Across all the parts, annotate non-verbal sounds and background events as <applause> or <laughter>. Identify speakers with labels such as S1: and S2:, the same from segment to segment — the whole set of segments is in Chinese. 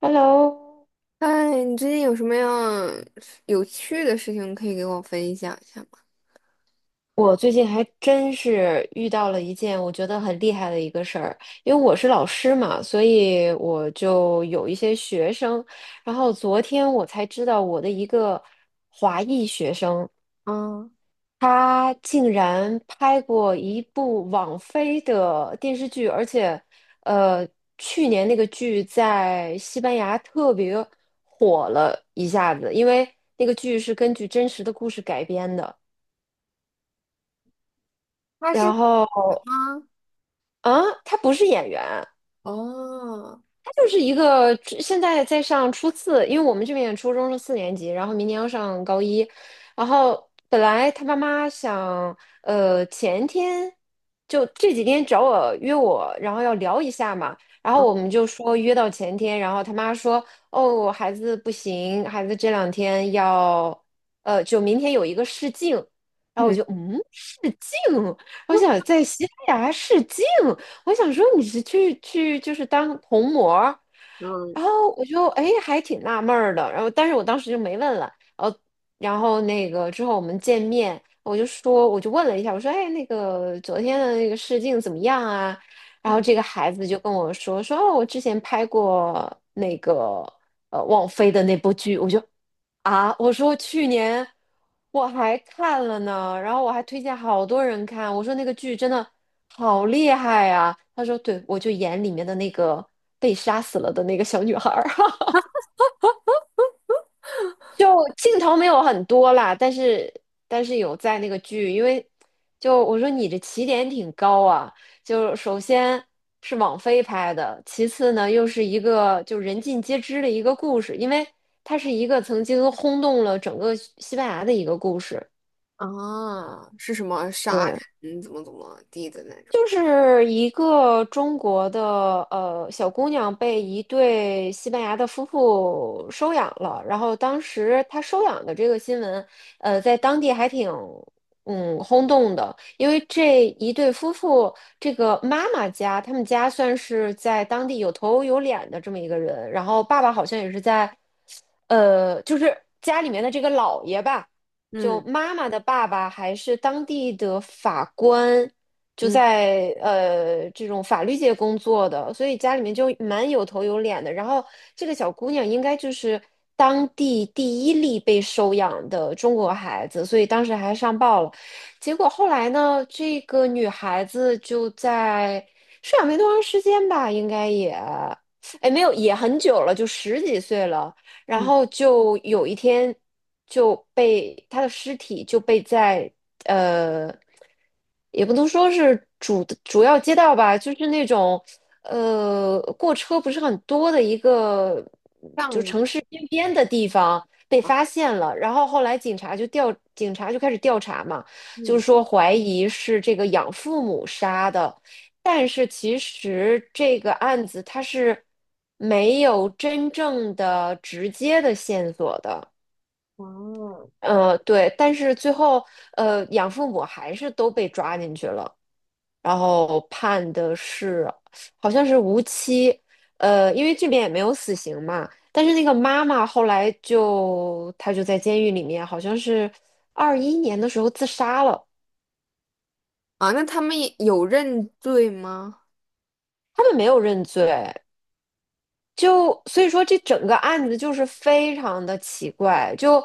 S1: Hello,
S2: 哎，你最近有什么样有趣的事情可以给我分享一下吗？
S1: 我最近还真是遇到了一件我觉得很厉害的一个事儿，因为我是老师嘛，所以我就有一些学生，然后昨天我才知道我的一个华裔学生，
S2: 啊，
S1: 他竟然拍过一部网飞的电视剧，而且，呃，去年那个剧在西班牙特别火了一下子，因为那个剧是根据真实的故事改编的。
S2: 他是
S1: 然后
S2: 啊，
S1: 啊，他不是演员，
S2: 哦，
S1: 他就是一个现在在上初四，因为我们这边初中是四年级，然后明年要上高一，然后本来他妈妈想，前天就这几天找我约我，然后要聊一下嘛，然后我们就说约到前天，然后他妈说，哦，我孩子不行，孩子这两天要，就明天有一个试镜，然后我
S2: 嗯，
S1: 就嗯，试镜，我想
S2: <laughs>
S1: 在西班牙试镜。我想说你是去就是当童模儿
S2: 嗯
S1: 然后我就哎还挺纳闷儿的，然后但是我当时就没问了，然后然后那个之后我们见面，我就说我就问了一下，我说哎那个昨天的那个试镜怎么样啊？然后
S2: 嗯，
S1: 这个孩子就跟我说哦我之前拍过那个王菲的那部剧，我就啊，我说去年我还看了呢，然后我还推荐好多人看，我说那个剧真的好厉害呀。他说，对，我就演里面的那个被杀死了的那个小女孩儿，<laughs> 就镜头没有很多啦，但是有在那个剧，因为就我说你这起点挺高啊，就首先是网飞拍的，其次呢又是一个就人尽皆知的一个故事，因为它是一个曾经轰动了整个西班牙的一个故事。
S2: 啊，是什么杀
S1: 对，
S2: 人怎么怎么地的那种？
S1: 就是一个中国的小姑娘被一对西班牙的夫妇收养了，然后当时她收养的这个新闻，在当地还挺嗯轰动的，因为这一对夫妇，这个妈妈家，他们家算是在当地有头有脸的这么一个人，然后爸爸好像也是在就是家里面的这个老爷吧，就
S2: 嗯
S1: 妈妈的爸爸还是当地的法官，就
S2: 嗯
S1: 在这种法律界工作的，所以家里面就蛮有头有脸的。然后这个小姑娘应该就是当地第一例被收养的中国孩子，所以当时还上报了。结果后来呢，这个女孩子就在收养没多长时间吧，应该也，哎，没有，也很久了，就十几岁了。然
S2: 嗯，
S1: 后就有一天就被他的尸体就被在呃，也不能说是主要街道吧，就是那种过车不是很多的一个
S2: 这
S1: 就
S2: 样子，
S1: 城市边边的地方被
S2: 啊，
S1: 发现了，然后后来警察就开始调查嘛，就是
S2: 嗯，
S1: 说怀疑是这个养父母杀的。但是其实这个案子它是没有真正的直接的线索的，
S2: 哦，
S1: 对，但是最后养父母还是都被抓进去了，然后判的是好像是无期，因为这边也没有死刑嘛，但是那个妈妈后来就她就在监狱里面，好像是二一年的时候自杀了，
S2: 啊，那他们也有认罪吗？
S1: 他们没有认罪，就所以说这整个案子就是非常的奇怪，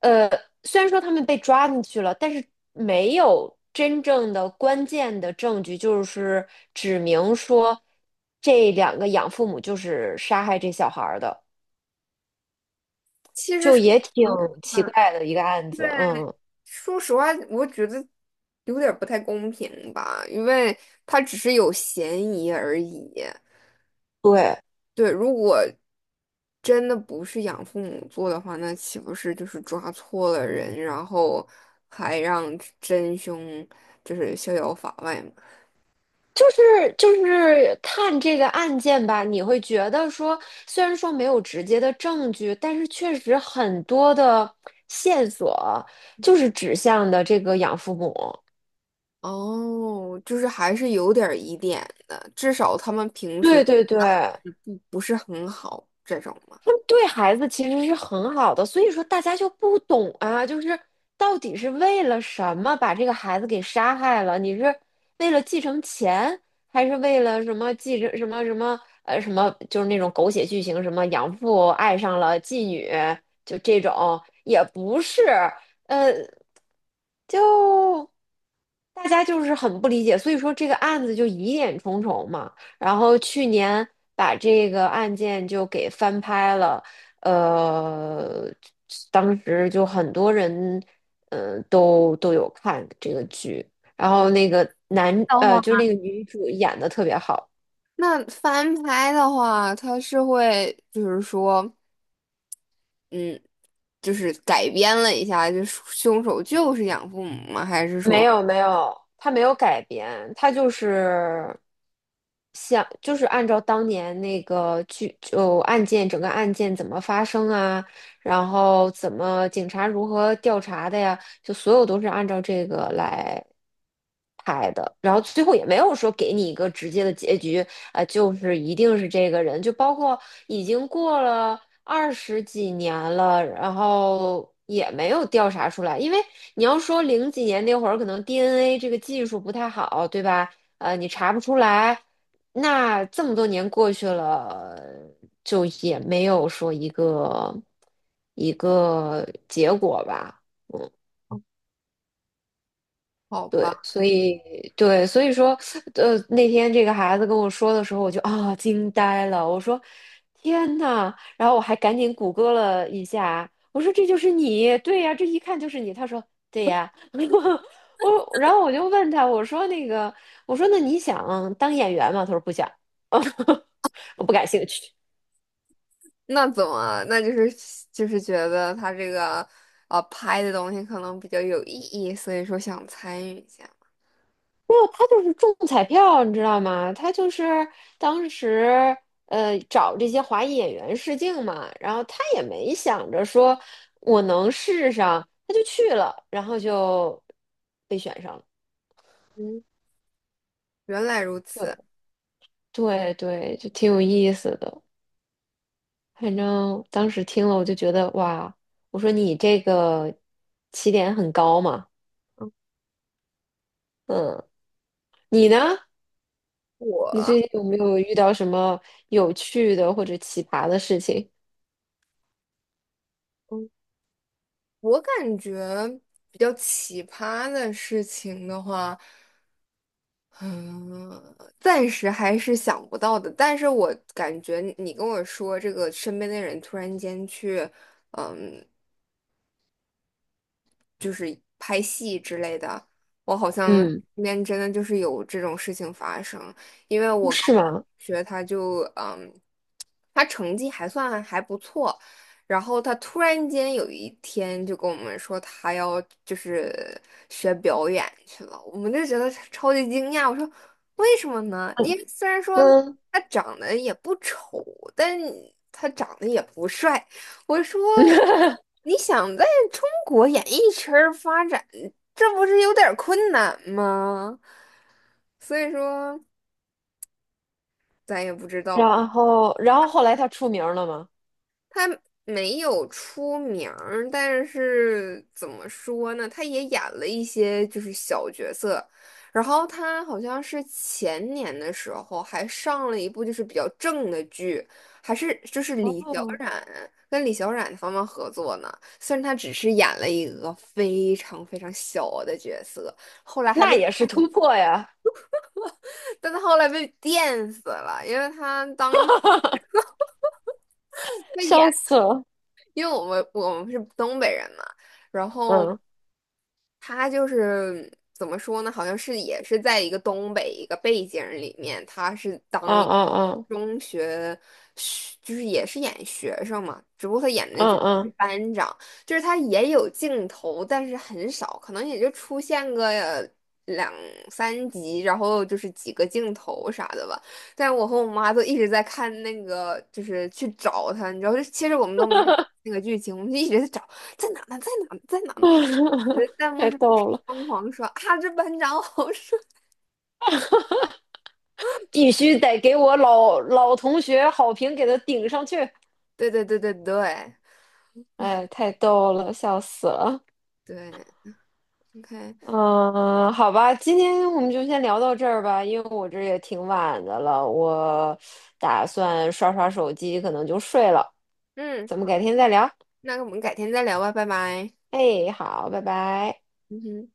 S1: 呃，虽然说他们被抓进去了，但是没有真正的关键的证据，就是指明说这两个养父母就是杀害这小孩儿的，
S2: 其实
S1: 就
S2: 是
S1: 也挺
S2: 嗯，
S1: 奇
S2: 啊，
S1: 怪的一个案子，嗯，
S2: 说实话，我觉得有点儿不太公平吧，因为他只是有嫌疑而已。
S1: 对。
S2: 对，如果真的不是养父母做的话，那岂不是就是抓错了人，然后还让真凶就是逍遥法外嘛？
S1: 就是就是看这个案件吧，你会觉得说，虽然说没有直接的证据，但是确实很多的线索就是指向的这个养父母。
S2: 哦，就是还是有点儿疑点的，至少他们平时
S1: 对对对，
S2: 不是很好这种嘛。
S1: 他们对孩子其实是很好的，所以说大家就不懂啊，就是到底是为了什么把这个孩子给杀害了？你是为了继承钱，还是为了什么继承什么什么什么？就是那种狗血剧情，什么养父爱上了妓女，就这种也不是，呃，就大家就是很不理解，所以说这个案子就疑点重重嘛。然后去年把这个案件就给翻拍了，呃，当时就很多人，嗯，都有看这个剧，然后那个男，
S2: 的话，
S1: 就是那个女主演的特别好。
S2: 那翻拍的话，他是会就是说，嗯，就是改编了一下，就是凶手就是养父母吗？还是
S1: 没
S2: 说，
S1: 有没有，他没有改编，他就是像就是按照当年那个剧就案件整个案件怎么发生啊，然后怎么警察如何调查的呀，就所有都是按照这个来拍的，然后最后也没有说给你一个直接的结局，啊，就是一定是这个人，就包括已经过了二十几年了，然后也没有调查出来，因为。你要说零几年那会儿，可能 DNA 这个技术不太好，对吧？你查不出来。那这么多年过去了，就也没有说一个一个结果吧。
S2: 好
S1: 对，
S2: 吧？
S1: 所以对，所以说，那天这个孩子跟我说的时候，我就啊、惊呆了，我说天呐，然后我还赶紧谷歌了一下，我说这就是你，对呀，这一看就是你。他说对呀，<laughs> 我然后我就问他，我说那个，我说那你想当演员吗？他说不想，<laughs> 我不感兴趣。
S2: 那怎么？那就是觉得他这个拍的东西可能比较有意义，所以说想参与一下。
S1: 没有，他就是中彩票，你知道吗？他就是当时找这些华裔演员试镜嘛，然后他也没想着说我能试上，他就去了，然后就被选上了。
S2: 嗯，原来如
S1: 对
S2: 此。
S1: 对对，就挺有意思的。反正当时听了，我就觉得哇，我说你这个起点很高嘛，
S2: 嗯
S1: 嗯，你呢？你最
S2: 我
S1: 近有没有遇到什么有趣的或者奇葩的事情？
S2: 嗯我感觉比较奇葩的事情的话，嗯，暂时还是想不到的。但是我感觉你跟我说这个身边的人突然间去。嗯。就是拍戏之类的，我好像
S1: 嗯，
S2: 身边真的就是有这种事情发生。因为我高
S1: 是
S2: 中同
S1: 吗？
S2: 学他就他成绩还算还不错，然后他突然间有一天就跟我们说他要就是学表演去了，我们就觉得超级惊讶。我说为什么呢？因为虽然说
S1: 嗯，
S2: 他
S1: <laughs>
S2: 长得也不丑，但他长得也不帅。我说，
S1: 嗯，
S2: 你想在中国演艺圈儿发展，这不是有点儿困难吗？所以说，咱也不知道。
S1: 然后，然后后来他出名了吗？
S2: 没有出名儿但是怎么说呢？他也演了一些就是小角色，然后他好像是前年的时候还上了一部就是比较正的剧，还是就是李小
S1: 哦，
S2: 冉跟李小冉他们合作呢。虽然他只是演了一个非常非常小的角色，后来还
S1: 那
S2: 被，
S1: 也是突破呀，
S2: <laughs> 但他后来被电死了，因为他当时
S1: <laughs>
S2: 他演，
S1: 笑死了。
S2: 因为我们是东北人嘛。然后
S1: 嗯，
S2: 他就是怎么说呢？好像是也是在一个东北一个背景里面，他是当
S1: 嗯
S2: 一
S1: 嗯
S2: 中学学，就是也是演学生嘛，只不过他演的就
S1: 嗯
S2: 是
S1: 嗯
S2: 班长，就是他也有镜头，但是很少，可能也就出现个两三集，然后就是几个镜头啥的吧。但我和我妈都一直在看那个，就是去找他，你知道，就其实我们都没有那个剧情，我们就一直在找，在哪呢？在哪呢？在哪
S1: 嗯，
S2: 呢？你的
S1: <laughs>
S2: 弹幕
S1: 太
S2: 上
S1: 逗了，
S2: 疯狂刷，啊，这班长好帅！<laughs>
S1: 必须得给我老同学好评给他顶上去。
S2: 对对对对对
S1: 哎，太逗了，笑死了。
S2: 对，OK，
S1: 嗯，好吧，今天我们就先聊到这儿吧，因为我这也挺晚的了，我打算刷刷手机，可能就睡了。
S2: 嗯，
S1: 咱们
S2: 好，
S1: 改天再聊。
S2: 那我们改天再聊吧，拜拜。
S1: 哎，好，拜拜。
S2: 嗯哼。